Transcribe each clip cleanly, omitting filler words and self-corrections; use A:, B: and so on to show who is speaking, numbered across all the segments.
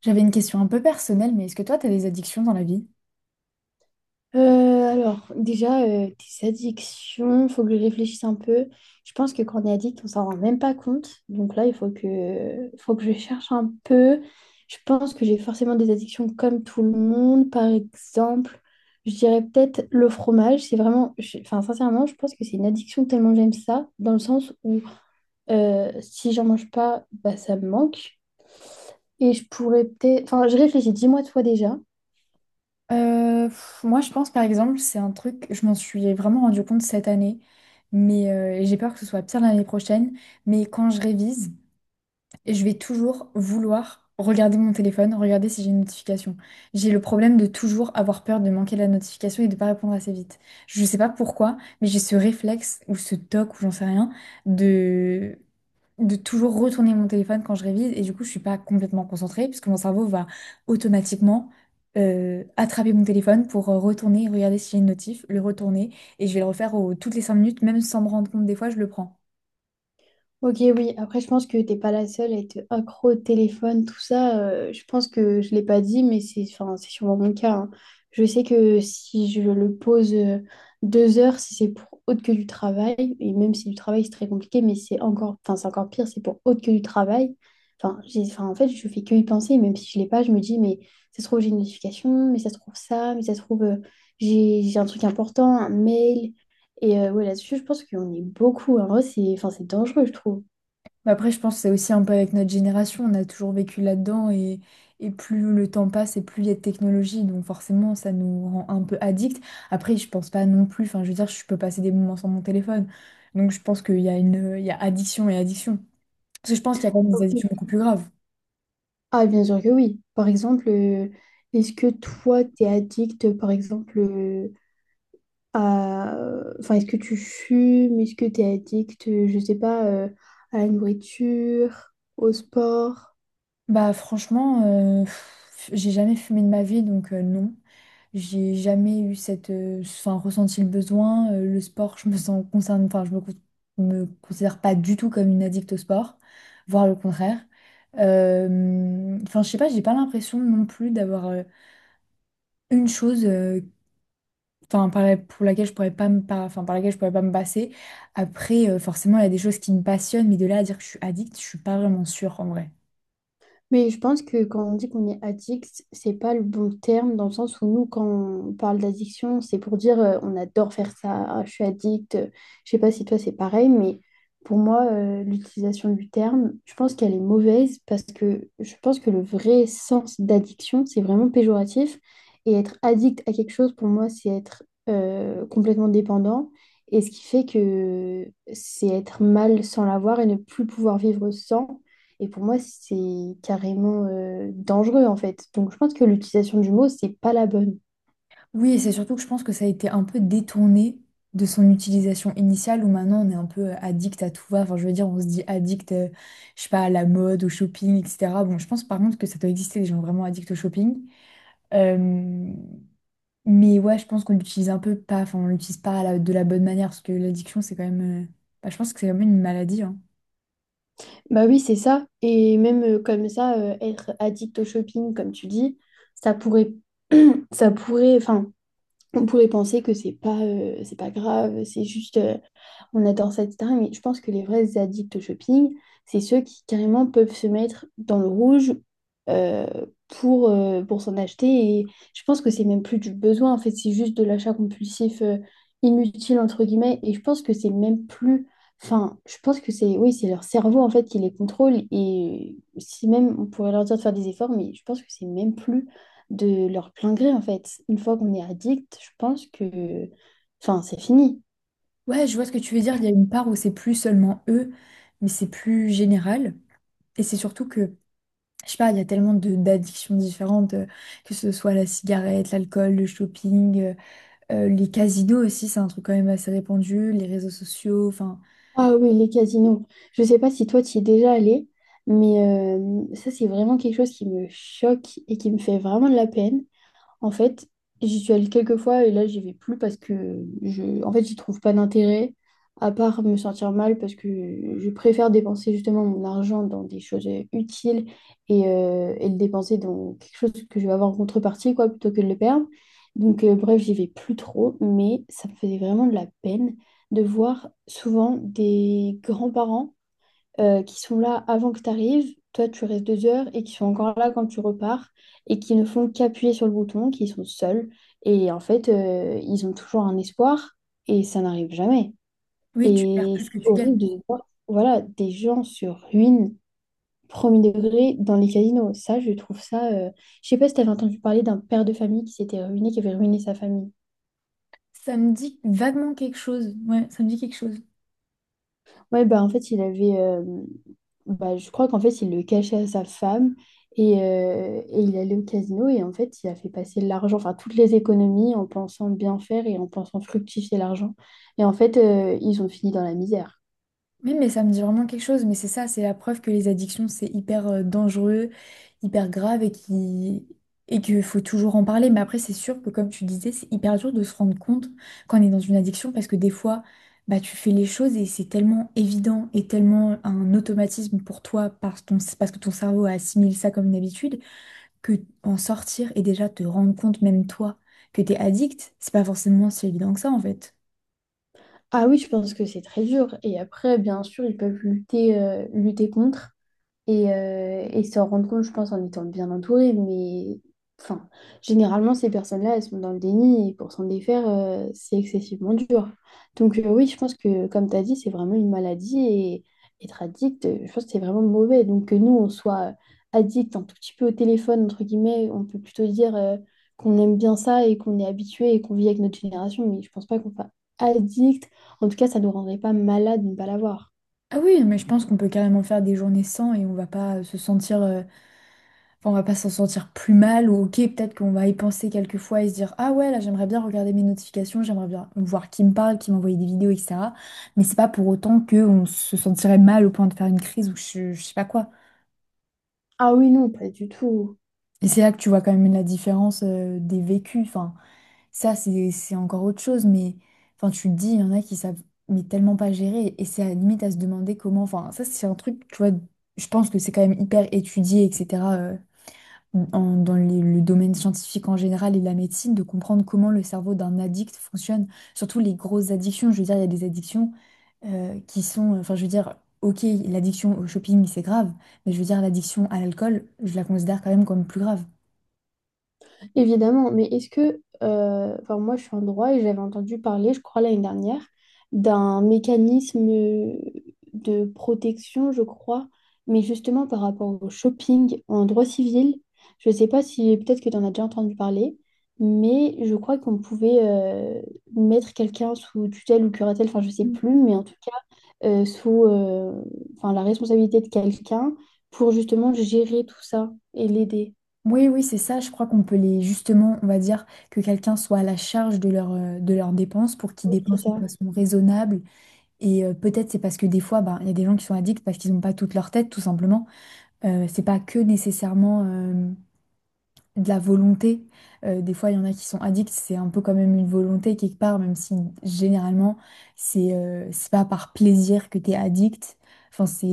A: J'avais une question un peu personnelle, mais est-ce que toi, t'as des addictions dans la vie?
B: Euh, alors, déjà, tes addictions, faut que je réfléchisse un peu. Je pense que quand on est addict, on s'en rend même pas compte. Donc là, il faut que je cherche un peu. Je pense que j'ai forcément des addictions comme tout le monde. Par exemple, je dirais peut-être le fromage. C'est vraiment, enfin, sincèrement, je pense que c'est une addiction tellement j'aime ça, dans le sens où si j'en mange pas, bah, ça me manque. Et je pourrais peut-être, enfin, je réfléchis, dis-moi toi déjà.
A: Moi, je pense par exemple, c'est un truc, je m'en suis vraiment rendu compte cette année, mais et j'ai peur que ce soit pire l'année prochaine. Mais quand je révise, je vais toujours vouloir regarder mon téléphone, regarder si j'ai une notification. J'ai le problème de toujours avoir peur de manquer la notification et de pas répondre assez vite. Je sais pas pourquoi, mais j'ai ce réflexe ou ce toc ou j'en sais rien de de toujours retourner mon téléphone quand je révise et du coup je suis pas complètement concentrée puisque mon cerveau va automatiquement attraper mon téléphone pour retourner, regarder si j'ai une notif, le retourner et je vais le refaire toutes les 5 minutes même sans me rendre compte des fois je le prends.
B: Ok, oui. Après, je pense que t'es pas la seule à être accro au téléphone, tout ça. Je pense que je l'ai pas dit, mais c'est enfin, c'est sûrement mon cas, hein. Je sais que si je le pose deux heures, si c'est pour autre que du travail, et même si du travail c'est très compliqué, mais c'est encore, enfin, c'est encore pire, c'est pour autre que du travail. Enfin, j'ai, enfin, en fait, je fais que y penser, même si je l'ai pas, je me dis, mais ça se trouve, j'ai une notification, mais ça se trouve ça, mais ça se trouve, j'ai un truc important, un mail. Et ouais, là-dessus, je pense qu'on est beaucoup, hein. En vrai, c'est enfin, c'est dangereux, je trouve.
A: Mais après je pense que c'est aussi un peu avec notre génération, on a toujours vécu là-dedans et plus le temps passe et plus il y a de technologie donc forcément ça nous rend un peu addict. Après je pense pas non plus, enfin je veux dire je peux passer des moments sans mon téléphone donc je pense qu'il y a une, il y a addiction et addiction. Parce que je pense qu'il y a quand même des
B: Oui.
A: addictions beaucoup plus graves.
B: Ah, bien sûr que oui. Par exemple, est-ce que toi, t'es addict, par exemple, à... Enfin, est-ce que tu fumes? Est-ce que t'es addict, je sais pas, à la nourriture, au sport?
A: Bah franchement, j'ai jamais fumé de ma vie, donc non. J'ai jamais eu cette, enfin, ressenti le besoin. Le sport, je me sens concerne, enfin, je me considère pas du tout comme une addict au sport, voire le contraire. Enfin, je sais pas, j'ai pas l'impression non plus d'avoir une chose, enfin, pour laquelle je pourrais pas enfin, par laquelle je pourrais pas me passer. Après, forcément, il y a des choses qui me passionnent, mais de là à dire que je suis addict, je suis pas vraiment sûre en vrai.
B: Mais je pense que quand on dit qu'on est addict, c'est pas le bon terme dans le sens où nous, quand on parle d'addiction, c'est pour dire on adore faire ça, ah, je suis addict. Je sais pas si toi c'est pareil, mais pour moi, l'utilisation du terme, je pense qu'elle est mauvaise parce que je pense que le vrai sens d'addiction, c'est vraiment péjoratif. Et être addict à quelque chose, pour moi, c'est être complètement dépendant. Et ce qui fait que c'est être mal sans l'avoir et ne plus pouvoir vivre sans. Et pour moi, c'est carrément dangereux en fait. Donc je pense que l'utilisation du mot, c'est pas la bonne.
A: Oui, et c'est surtout que je pense que ça a été un peu détourné de son utilisation initiale où maintenant on est un peu addict à tout va. Enfin, je veux dire, on se dit addict, je sais pas, à la mode, au shopping, etc. Bon, je pense par contre que ça doit exister des gens vraiment addicts au shopping. Euh, mais ouais, je pense qu'on l'utilise un peu pas, enfin, on l'utilise pas de la bonne manière parce que l'addiction, c'est quand même, bah, je pense que c'est quand même une maladie, hein.
B: Bah oui, c'est ça. Et même comme ça, être addict au shopping, comme tu dis, ça pourrait, ça pourrait, enfin, on pourrait penser que c'est pas grave, c'est juste on adore ça, etc. Mais je pense que les vrais addicts au shopping, c'est ceux qui carrément peuvent se mettre dans le rouge euh, pour s'en acheter. Et je pense que c'est même plus du besoin, en fait, c'est juste de l'achat compulsif inutile, entre guillemets. Et je pense que c'est même plus. Enfin, je pense que c'est oui, c'est leur cerveau en fait qui les contrôle et si même on pourrait leur dire de faire des efforts, mais je pense que c'est même plus de leur plein gré, en fait. Une fois qu'on est addict, je pense que... Enfin, c'est fini.
A: Ouais, je vois ce que tu veux dire. Il y a une part où c'est plus seulement eux, mais c'est plus général. Et c'est surtout que je sais pas, il y a tellement de d'addictions différentes, que ce soit la cigarette, l'alcool, le shopping, les casinos aussi, c'est un truc quand même assez répandu, les réseaux sociaux, enfin,
B: Ah oui, les casinos. Je sais pas si toi, tu y es déjà allé, mais ça, c'est vraiment quelque chose qui me choque et qui me fait vraiment de la peine. En fait, j'y suis allée quelques fois et là, j'y vais plus parce que je, en fait, j'y trouve pas d'intérêt, à part me sentir mal parce que je préfère dépenser justement mon argent dans des choses utiles et le dépenser dans quelque chose que je vais avoir en contrepartie, quoi, plutôt que de le perdre. Donc, bref, j'y vais plus trop, mais ça me faisait vraiment de la peine de voir souvent des grands-parents qui sont là avant que tu arrives, toi tu restes deux heures et qui sont encore là quand tu repars et qui ne font qu'appuyer sur le bouton, qui sont seuls et en fait ils ont toujours un espoir et ça n'arrive jamais.
A: oui, tu perds
B: Et
A: plus
B: c'est
A: que tu
B: horrible
A: gagnes.
B: de voir voilà, des gens se ruinent premier degré dans les casinos. Ça, je trouve ça. Je sais pas si tu avais entendu parler d'un père de famille qui s'était ruiné, qui avait ruiné sa famille.
A: Ça me dit vaguement quelque chose, ouais, ça me dit quelque chose.
B: Ouais, bah en fait, il avait. Bah, je crois qu'en fait, il le cachait à sa femme et il allait au casino et en fait, il a fait passer l'argent, enfin, toutes les économies en pensant bien faire et en pensant fructifier l'argent. Et en fait, ils ont fini dans la misère.
A: Oui, mais ça me dit vraiment quelque chose, mais c'est ça, c'est la preuve que les addictions, c'est hyper dangereux, hyper grave et qu'il faut toujours en parler. Mais après, c'est sûr que comme tu disais, c'est hyper dur de se rendre compte quand on est dans une addiction parce que des fois, bah, tu fais les choses et c'est tellement évident et tellement un automatisme pour toi parce que ton cerveau assimile ça comme une habitude que en sortir et déjà te rendre compte, même toi, que t'es addict, c'est pas forcément si évident que ça en fait.
B: Ah oui, je pense que c'est très dur. Et après, bien sûr, ils peuvent lutter, lutter contre. Et s'en rendre compte, je pense, en étant bien entouré. Mais enfin, généralement, ces personnes-là, elles sont dans le déni et pour s'en défaire, c'est excessivement dur. Donc, oui, je pense que, comme tu as dit, c'est vraiment une maladie et être addict, je pense que c'est vraiment mauvais. Donc, que nous, on soit addict un tout petit peu au téléphone, entre guillemets, on peut plutôt dire qu'on aime bien ça et qu'on est habitué et qu'on vit avec notre génération. Mais je pense pas qu'on soit addict. En tout cas, ça nous rendrait pas malade de ne pas l'avoir.
A: Ah oui, mais je pense qu'on peut carrément faire des journées sans et on va pas se sentir, enfin, on va pas s'en sentir plus mal ou ok, peut-être qu'on va y penser quelques fois et se dire ah ouais là j'aimerais bien regarder mes notifications, j'aimerais bien voir qui me parle, qui m'envoie des vidéos, etc. Mais c'est pas pour autant que on se sentirait mal au point de faire une crise ou je sais pas quoi.
B: Ah oui, non, pas du tout.
A: Et c'est là que tu vois quand même la différence, des vécus. Enfin, ça, c'est encore autre chose, mais enfin, tu te dis, il y en a qui savent mais tellement pas gérer, et c'est à la limite à se demander comment. Enfin, ça, c'est un truc, tu vois, je pense que c'est quand même hyper étudié, etc., dans le domaine scientifique en général et la médecine, de comprendre comment le cerveau d'un addict fonctionne, surtout les grosses addictions. Je veux dire, il y a des addictions qui sont, enfin, je veux dire, ok, l'addiction au shopping, c'est grave, mais je veux dire, l'addiction à l'alcool, je la considère quand même comme plus grave.
B: Évidemment, mais est-ce que, enfin moi je suis en droit et j'avais entendu parler, je crois l'année dernière, d'un mécanisme de protection, je crois, mais justement par rapport au shopping en droit civil, je ne sais pas si peut-être que tu en as déjà entendu parler, mais je crois qu'on pouvait mettre quelqu'un sous tutelle ou curatelle, enfin je sais plus, mais en tout cas sous enfin, la responsabilité de quelqu'un pour justement gérer tout ça et l'aider.
A: Oui, oui, c'est ça. Je crois qu'on peut les, justement, on va dire que quelqu'un soit à la charge de leur, de leurs dépenses pour qu'ils
B: C'est
A: dépensent de
B: ça.
A: façon raisonnable. Et peut-être c'est parce que des fois, ben, il y a des gens qui sont addicts parce qu'ils n'ont pas toute leur tête, tout simplement. C'est pas que nécessairement. De la volonté. Des fois, il y en a qui sont addicts, c'est un peu quand même une volonté quelque part, même si généralement, c'est pas par plaisir que tu es addict. Enfin, c'est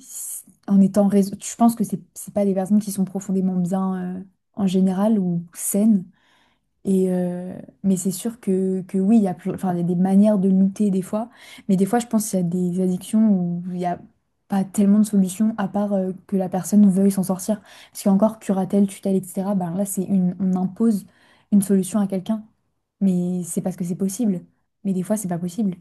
A: c'est- en étant raison. Je pense que c'est pas des personnes qui sont profondément bien en général ou saines. Et euh, mais c'est sûr que oui, il y a, enfin, il y a des manières de lutter des fois, mais des fois, je pense qu'il y a des addictions où il n'y a pas tellement de solutions à part que la personne veuille s'en sortir. Parce qu'encore, curatelle, tutelle, etc., ben là, c'est une, on impose une solution à quelqu'un, mais c'est parce que c'est possible. Mais des fois, c'est pas possible.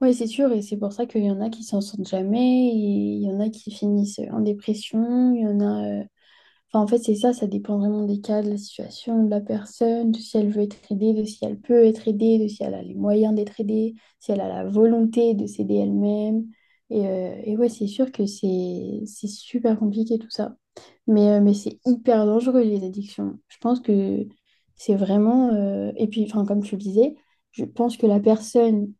B: Oui, c'est sûr, et c'est pour ça qu'il y en a qui s'en sortent jamais, et il y en a qui finissent en dépression, il y en a... Enfin, en fait, c'est ça, ça dépend vraiment des cas, de la situation, de la personne, de si elle veut être aidée, de si elle peut être aidée, de si elle a les moyens d'être aidée, si elle a la volonté de s'aider elle-même. Et ouais, c'est sûr que c'est super compliqué tout ça. Mais c'est hyper dangereux, les addictions. Je pense que c'est vraiment... Et puis, enfin, comme tu le disais, je pense que la personne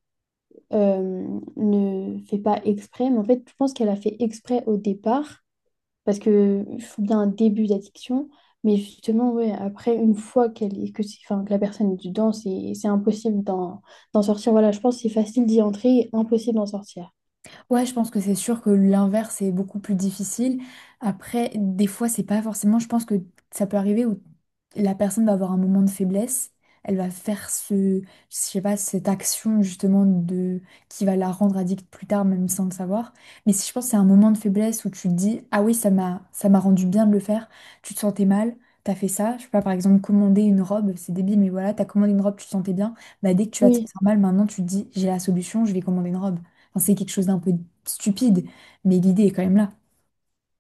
B: ne fait pas exprès, mais en fait, je pense qu'elle a fait exprès au départ, parce que il faut bien un début d'addiction, mais justement, ouais, après, une fois qu'elle est, que, enfin, que la personne est dedans, c'est impossible d'en sortir. Voilà, je pense que c'est facile d'y entrer et impossible d'en sortir.
A: Ouais, je pense que c'est sûr que l'inverse est beaucoup plus difficile. Après, des fois, c'est pas forcément. Je pense que ça peut arriver où la personne va avoir un moment de faiblesse. Elle va faire ce, je sais pas, cette action justement de qui va la rendre addict plus tard, même sans le savoir. Mais si je pense que c'est un moment de faiblesse où tu te dis, ah oui, ça m'a rendu bien de le faire. Tu te sentais mal, t'as fait ça. Je sais pas, par exemple, commander une robe, c'est débile, mais voilà, t'as commandé une robe, tu te sentais bien. Bah dès que tu vas te
B: Oui.
A: sentir mal, maintenant tu te dis, j'ai la solution, je vais commander une robe. Enfin, c'est quelque chose d'un peu stupide, mais l'idée est quand même là.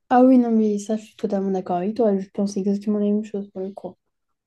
B: Ah oui, non, mais ça, je suis totalement d'accord avec toi. Je pense exactement la même chose pour le coup.